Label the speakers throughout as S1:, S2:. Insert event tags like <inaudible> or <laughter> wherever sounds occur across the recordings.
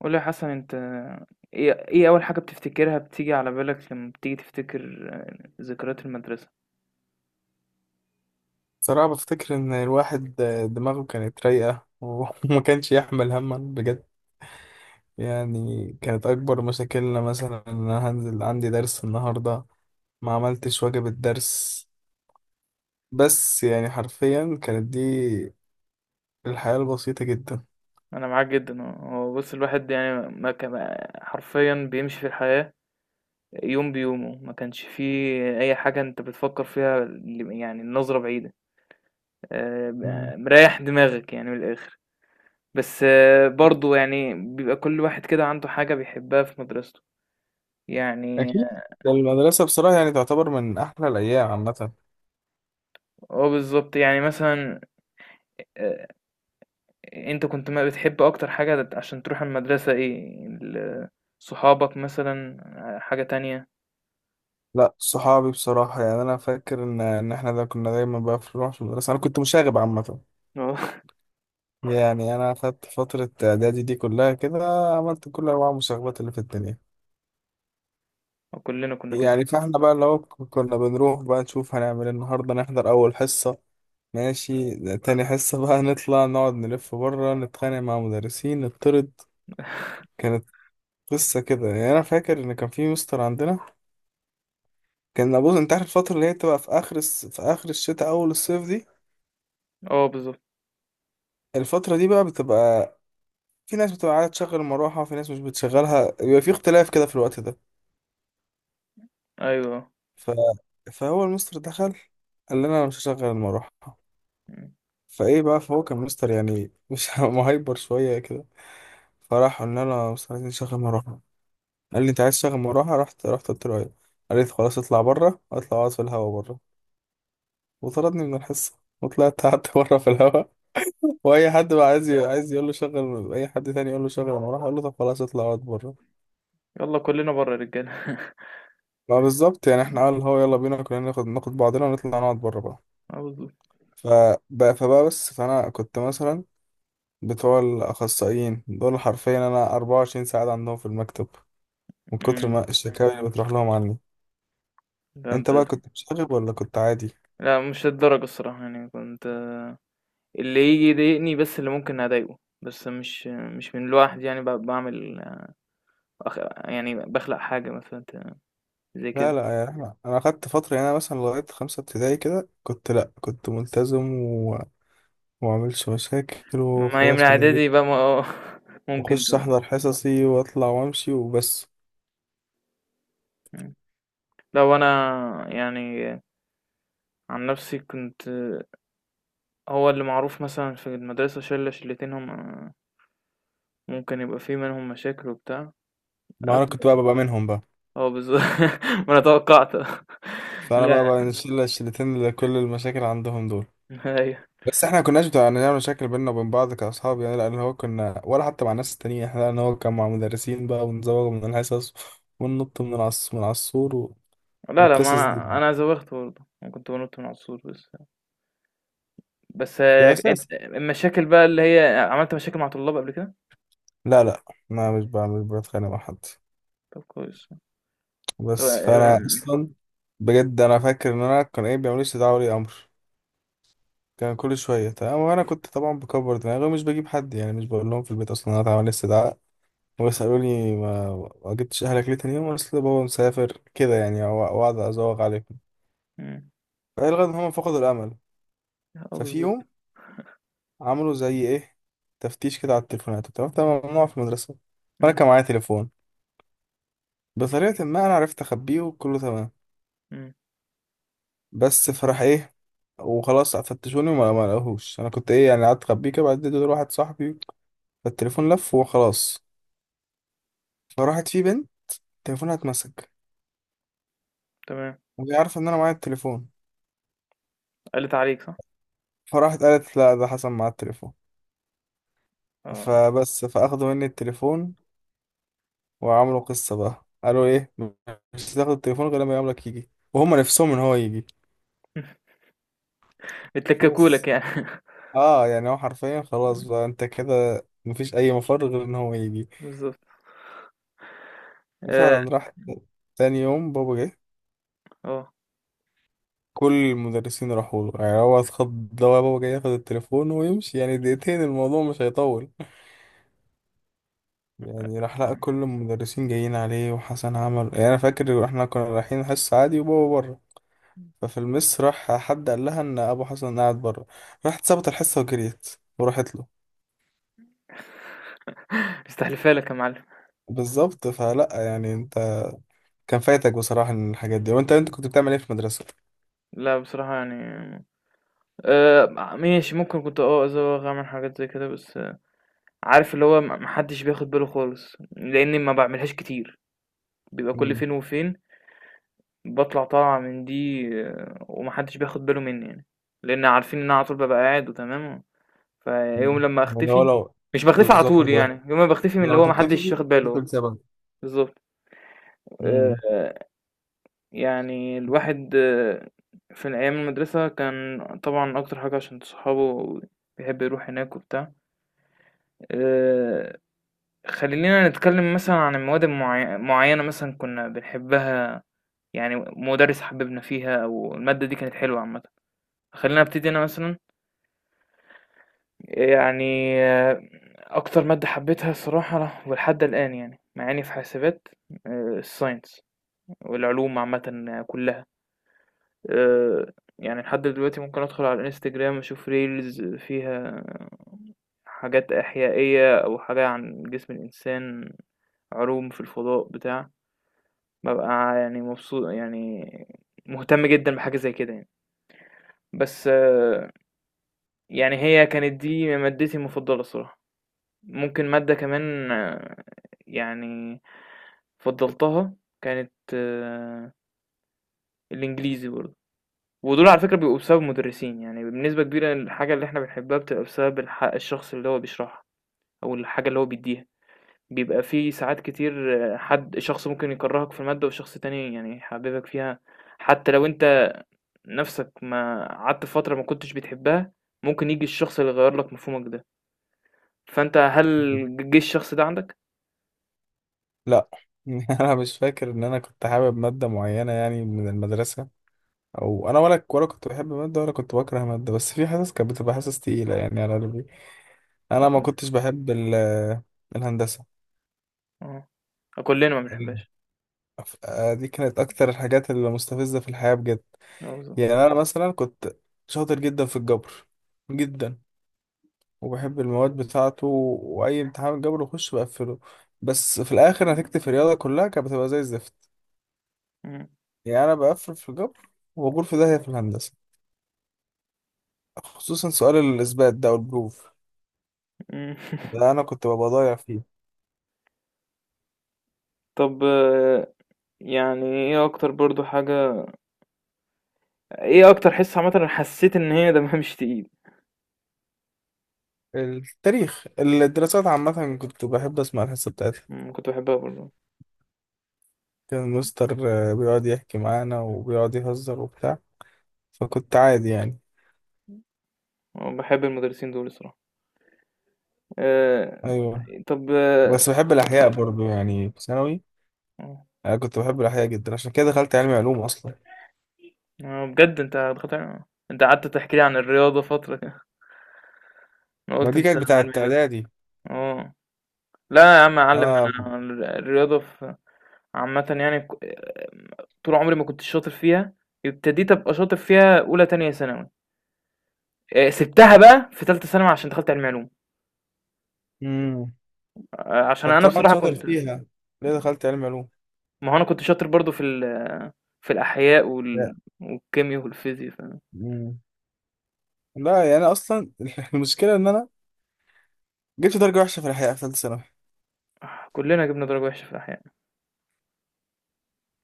S1: قول لي يا حسن، انت ايه اول حاجة بتفتكرها، بتيجي على بالك لما بتيجي تفتكر ذكريات المدرسة.
S2: صراحة بفتكر إن الواحد دماغه كانت رايقة وما <laughs> كانش يحمل هما بجد. يعني كانت أكبر مشاكلنا مثلا إن أنا هنزل عندي درس النهاردة ما عملتش واجب الدرس، بس يعني حرفيا كانت دي الحياة البسيطة جدا.
S1: انا معاك جدا. هو بص، الواحد يعني ما كان حرفيا بيمشي في الحياة يوم بيومه، ما كانش فيه اي حاجة انت بتفكر فيها، يعني النظرة بعيدة.
S2: مم.
S1: مريح دماغك يعني من الاخر. بس برضو يعني بيبقى كل واحد كده عنده حاجة بيحبها في مدرسته يعني.
S2: أكيد. المدرسة بصراحة يعني تعتبر من أحلى الأيام عامة.
S1: اه بالظبط يعني، مثلا آه، انت كنت ما بتحب اكتر حاجة عشان تروح المدرسة ايه؟ صحابك مثلا، حاجة تانية؟
S2: لا، صحابي بصراحة، يعني أنا فاكر إن إحنا ده كنا دايما بقى نروح في المدرسة. أنا كنت مشاغب عامة،
S1: اه،
S2: يعني انا خدت فترة اعدادي دي كلها كده عملت كل انواع المسابقات اللي في الدنيا.
S1: <laughs> كلنا كنا كده.
S2: يعني فاحنا بقى اللي هو كنا بنروح بقى نشوف هنعمل إيه النهاردة، نحضر اول حصة ماشي، تاني حصة بقى <laughs> نطلع نقعد نلف بره نتخانق مع مدرسين نطرد. كانت قصة كده، يعني انا فاكر ان كان في مستر عندنا كان ابوظ، انت عارف الفترة اللي هي بتبقى في في اخر الشتاء اول الصيف دي.
S1: اه بالظبط.
S2: الفترة دي بقى بتبقى في ناس بتبقى عايزة تشغل المروحة وفي ناس مش بتشغلها، بيبقى في اختلاف كده في الوقت ده.
S1: ايوه.
S2: ف... فهو المستر دخل قال لنا انا مش هشغل المروحه.
S1: مم.
S2: فايه بقى، فهو كان مستر يعني مش <laughs> مهايبر شويه كده، فراح قلنا له يا مستر عايزين نشغل مروحه. قال لي انت عايز تشغل مروحه، رحت قلت له ايوه. قال لي "طب خلاص اطلع بره، اطلع اقعد في الهوا بره"، وطردني من الحصه وطلعت قعدت <laughs> بره في الهوا. واي حد بقى عايز عايز يقول له شغل، اي حد تاني يقول له شغل المروحه اقول له طب خلاص اطلع اقعد بره.
S1: يلا كلنا بره يا رجالة. <laughs>
S2: ما بالظبط، يعني احنا
S1: مم.
S2: قال هو يلا بينا كلنا ناخد بعضنا ونطلع نقعد بره بقى.
S1: اه بالظبط.
S2: فبقى بس، فانا كنت مثلا بتوع الأخصائيين دول حرفيا أنا 24 ساعة عندهم في المكتب من كتر
S1: مم.
S2: ما الشكاوي اللي بتروح لهم عني.
S1: ده انت.
S2: أنت بقى كنت مشاغب ولا كنت عادي؟
S1: لا، مش للدرجة الصراحة، يعني كنت اللي يجي يضايقني بس، اللي ممكن اضايقه، بس مش من لوحدي، يعني بعمل أخ... يعني بخلق حاجة مثلا زي
S2: لا
S1: كده.
S2: لا يا أحمد، أنا أخدت فترة، يعني أنا مثلا لغاية خمسة ابتدائي كده كنت، لأ كنت ملتزم ومعملش مشاكل
S1: ما هي من
S2: وخلاص، من البيت
S1: اعدادي بقى، ما <laughs> ممكن
S2: وأخش
S1: تبقى.
S2: أحضر حصصي وأطلع وأمشي وبس.
S1: لأ، هو أنا يعني، عن نفسي كنت، هو اللي معروف مثلًا في المدرسة شِلّة شِلّتين، هم ممكن يبقى في منهم مشاكل وبتاع،
S2: ما
S1: أنا
S2: أنا
S1: كنت.
S2: كنت بقى ببقى منهم بقى.
S1: آه بالضبط، <laughs> ما أنا توقّعت. <laughs> آه.
S2: فأنا
S1: لأ،
S2: بقى الشلة الشلتين اللي كل المشاكل عندهم دول.
S1: أيوه.
S2: بس احنا ما كناش بتوع نعمل مشاكل بيننا وبين بعض كأصحاب يعني، لأن هو كنا ولا حتى مع الناس التانيين احنا، لأن هو كان مع مدرسين بقى ونزوغ من الحصص وننط من العصور و...
S1: لا، لأ، ما
S2: والقصص دي،
S1: أنا زوّغت برضه، أنا كنت بانُط من على السور بس. بس
S2: ده أساس.
S1: أنت المشاكل بقى اللي هي، عملت مشاكل مع طلاب قبل كده؟
S2: لا لا، ما مش بقى مش بتخانق مع حد.
S1: طب كويس. طب.
S2: بس فأنا أصلا بجد أنا فاكر إن أنا كان إيه بيعملوا لي استدعاء ولي أمر، كان كل شوية. تمام وأنا كنت طبعا بكبر دماغي ومش بجيب حد، يعني مش بقول لهم في البيت أصلا إن أنا اتعمل لي استدعاء، ويسألوني ما جبتش أهلك ليه تاني يوم، أصل بابا مسافر كده يعني وأقعد أزوغ عليهم.
S1: إمم.
S2: فالغى ان هم فقدوا الامل.
S1: آه
S2: ففي
S1: بالضبط.
S2: يوم عملوا زي ايه تفتيش كده على التليفونات وبتاع، كان ممنوع في المدرسه، وانا
S1: إمم.
S2: كان معايا تليفون، بطريقه ما انا عرفت اخبيه وكله تمام.
S1: إمم.
S2: بس فراح ايه وخلاص فتشوني وما ما لقوهوش، انا كنت ايه يعني، قعدت اخبيه كده بعد اديته لواحد صاحبي، فالتليفون لف وخلاص. فراحت في بنت تليفونها اتمسك،
S1: تمام.
S2: وهي عارفه ان انا معايا التليفون،
S1: قَلِّت عليك صح؟
S2: فراحت قالت لا ده حصل معايا التليفون.
S1: آه.
S2: فبس فاخدوا مني التليفون وعملوا قصة بقى، قالوا ايه مش هتاخد التليفون غير لما يقابلك يجي، وهم نفسهم ان هو يجي.
S1: <laughs> بتلكّكوا لك
S2: فبس
S1: يعني. <laughs>
S2: اه، يعني هو حرفيا خلاص
S1: إمم.
S2: بقى انت كده مفيش اي مفر غير ان هو يجي.
S1: بالضبط. آآ
S2: وفعلا راح تاني يوم بابا جه،
S1: آه.
S2: كل المدرسين راحوا له، يعني هو اتخض لو بابا جاي ياخد التليفون ويمشي يعني دقيقتين الموضوع مش هيطول. يعني راح لقى كل المدرسين جايين عليه، وحسن عمل. يعني انا فاكر احنا كنا رايحين حصة عادي وبابا بره، ففي المس راح حد قال لها ان ابو حسن قاعد بره، راحت سابت الحصه وجريت وراحت له.
S1: مستحلفها لك يا معلم.
S2: بالظبط، فلا يعني انت كان فايتك بصراحه إن الحاجات دي، وانت كنت بتعمل ايه في المدرسه.
S1: لأ، بصراحة يعني، آآ ماشي، ممكن كنت أزوّغ، أعمل حاجات زي كده، بس عارف اللي هو، ما حدّش بياخد باله خالص، لإنّي ما باعملهاش كتير، بيبقى كل
S2: مم.
S1: فين وفين باطلع طالعة من دي وما حدّش بياخد باله منّي يعني، لإن عارفين إن أنا على طول بابقى قاعد وتمام، فيوم
S2: مم.
S1: لمّا
S2: يعني هو
S1: أختفي،
S2: لو
S1: مش باختفي على
S2: بالظبط،
S1: طول يعني، يوم ما باختفي من اللي
S2: لو
S1: هو،
S2: انت
S1: ما حدّش
S2: بتفي
S1: واخد باله.
S2: تدخل سبب.
S1: بالضبط.
S2: مم.
S1: آآ يعني الواحد في أيام المدرسة كان طبعا أكتر حاجة عشان صحابه بيحب يروح هناك وبتاع. آه، خلينا نتكلم مثلا عن المواد معينة مثلا كنا بنحبها، يعني مدرس حببنا فيها، أو المادة دي كانت حلوة عامة. خلينا أبتدي أنا مثلا، يعني أكتر مادة حبيتها الصراحة ولحد الآن، يعني مع إني في حاسبات، الساينس والعلوم عامة كلها. آآ يعني لحد دلوقتي ممكن أدخل على الإنستجرام أشوف reels فيها حاجات إحيائية، أو حاجة عن جسم الإنسان، علوم في الفضاء بتاع، بابقى يعني مبسو، يعني مهتم جدًا بحاجة زي كده يعني. بس يعني هي كانت دي مادتي المفضلة الصراحة. ممكن مادة كمان يعني فضّلتها، كانت الإنجليزي برضه. ودول على فكرة بيبقوا بسبب المدرسين، يعني بنسبة كبيرة الحاجة اللي احنا بنحبها بتبقى بسبب الشخص اللي هو بيشرحها، أو الحاجة اللي هو بيديها. بيبقى في ساعات كتير حد شخص ممكن يكرهك في المادة، وشخص تاني يعني يحببك فيها، حتى لو انت نفسك ما قعدت فترة ما كنتش بتحبها، ممكن يجي الشخص اللي يغير لك مفهومك ده. فانت، هل جه الشخص ده عندك؟
S2: لا، <laughs> انا مش فاكر ان انا كنت حابب ماده معينه يعني من المدرسه، او انا ولا كنت بحب ماده ولا كنت بكره ماده، بس في حصص كانت بتبقى حصص تقيله يعني على قلبي. انا ما
S1: اه.
S2: كنتش بحب الهندسه.
S1: اه، كلنا ما بنحبهاش.
S2: دي كانت اكتر الحاجات اللي مستفزة في الحياة بجد.
S1: اه بالظبط.
S2: يعني انا مثلا كنت شاطر جدا في الجبر، جدا، وبحب المواد بتاعته، واي امتحان جبر بخش بقفله، بس في الاخر نتيجتي في الرياضة كلها كانت بتبقى زي الزفت.
S1: مم.
S2: يعني انا بقفل في الجبر وبقول في داهية في الهندسة، خصوصا سؤال الاثبات ده والبروف،
S1: مم.
S2: ده
S1: <laughs>
S2: انا كنت ببقى ضايع فيه.
S1: طب يعني ايه اكتر برضو حاجة، ايه اكتر حصة عامة أنا حسيت ان هي دمها مش تقيل؟
S2: التاريخ الدراسات عامة كنت بحب أسمع الحصة بتاعتها،
S1: كنت بحبها برضه.
S2: كان المستر بيقعد يحكي معانا وبيقعد يهزر وبتاع، فكنت عادي يعني.
S1: أه، بحب المدرسين دول الصراحة. أه.
S2: ايوه.
S1: طب أه
S2: بس بحب الاحياء برضو يعني في ثانوي، انا كنت بحب الاحياء جدا عشان كده دخلت علمي علوم اصلا.
S1: آه، بجد انت دخلت انت قعدت تحكي لي عن الرياضة فترة كده، انا
S2: ما
S1: قلت
S2: دي
S1: انت
S2: كانت بتاعه
S1: علمي رياضة.
S2: اعدادي.
S1: اه. لا يا عم اعلم.
S2: انا.
S1: انا الرياضة في عامة، يعني طول عمري ما كنت شاطر فيها، ابتديت ابقى شاطر فيها اولى تانية ثانوي. سبتها بقى في تالتة ثانوي عشان دخلت علمي علوم.
S2: امم
S1: عشان
S2: طب
S1: انا
S2: طبعا
S1: بصراحة
S2: شاطر
S1: كنت،
S2: فيها ليه دخلت علمي علوم.
S1: ما هو انا كنت شاطر برضو في الأحياء
S2: لا
S1: والكيمياء والفيزياء
S2: امم لا، يعني انا اصلا <laughs> المشكله ان انا جبت درجه وحشه في الاحياء في ثالثه ثانوي.
S1: كلنا جبنا درجة وحشة في الأحياء.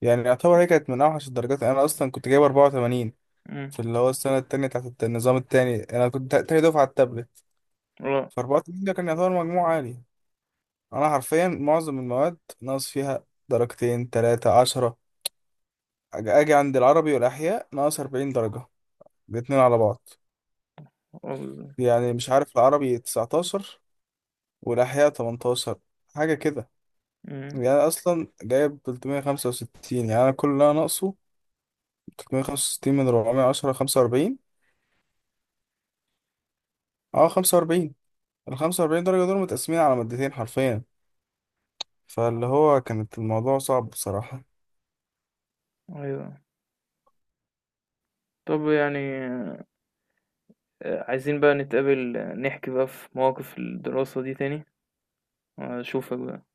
S2: يعني يعتبر هي كانت من اوحش الدرجات، انا اصلا كنت جايب 84
S1: امم.
S2: في اللي هو السنه التانيه بتاعت النظام التاني، انا كنت تاني دفعه على التابلت.
S1: اه.
S2: ف 84 ده كان يعتبر مجموع عالي، انا حرفيا معظم المواد ناقص فيها درجتين تلاتة عشرة. اجي عند العربي والاحياء ناقص 40 درجة الاتنين على بعض،
S1: اه بالظبط.
S2: يعني مش عارف العربي 19 والاحياء 18 حاجة كده.
S1: امم.
S2: يعني أنا اصلا جايب 365، يعني انا كل اللي انا ناقصه، 365 من 410 45. اه 45، ال 45 درجة دول متقسمين على مادتين حرفيا. فاللي هو كانت الموضوع صعب بصراحة.
S1: أيوه. طب يعني عايزين بقى نتقابل، نحكي بقى في مواقف الدراسة دي تاني. أشوفك بقى.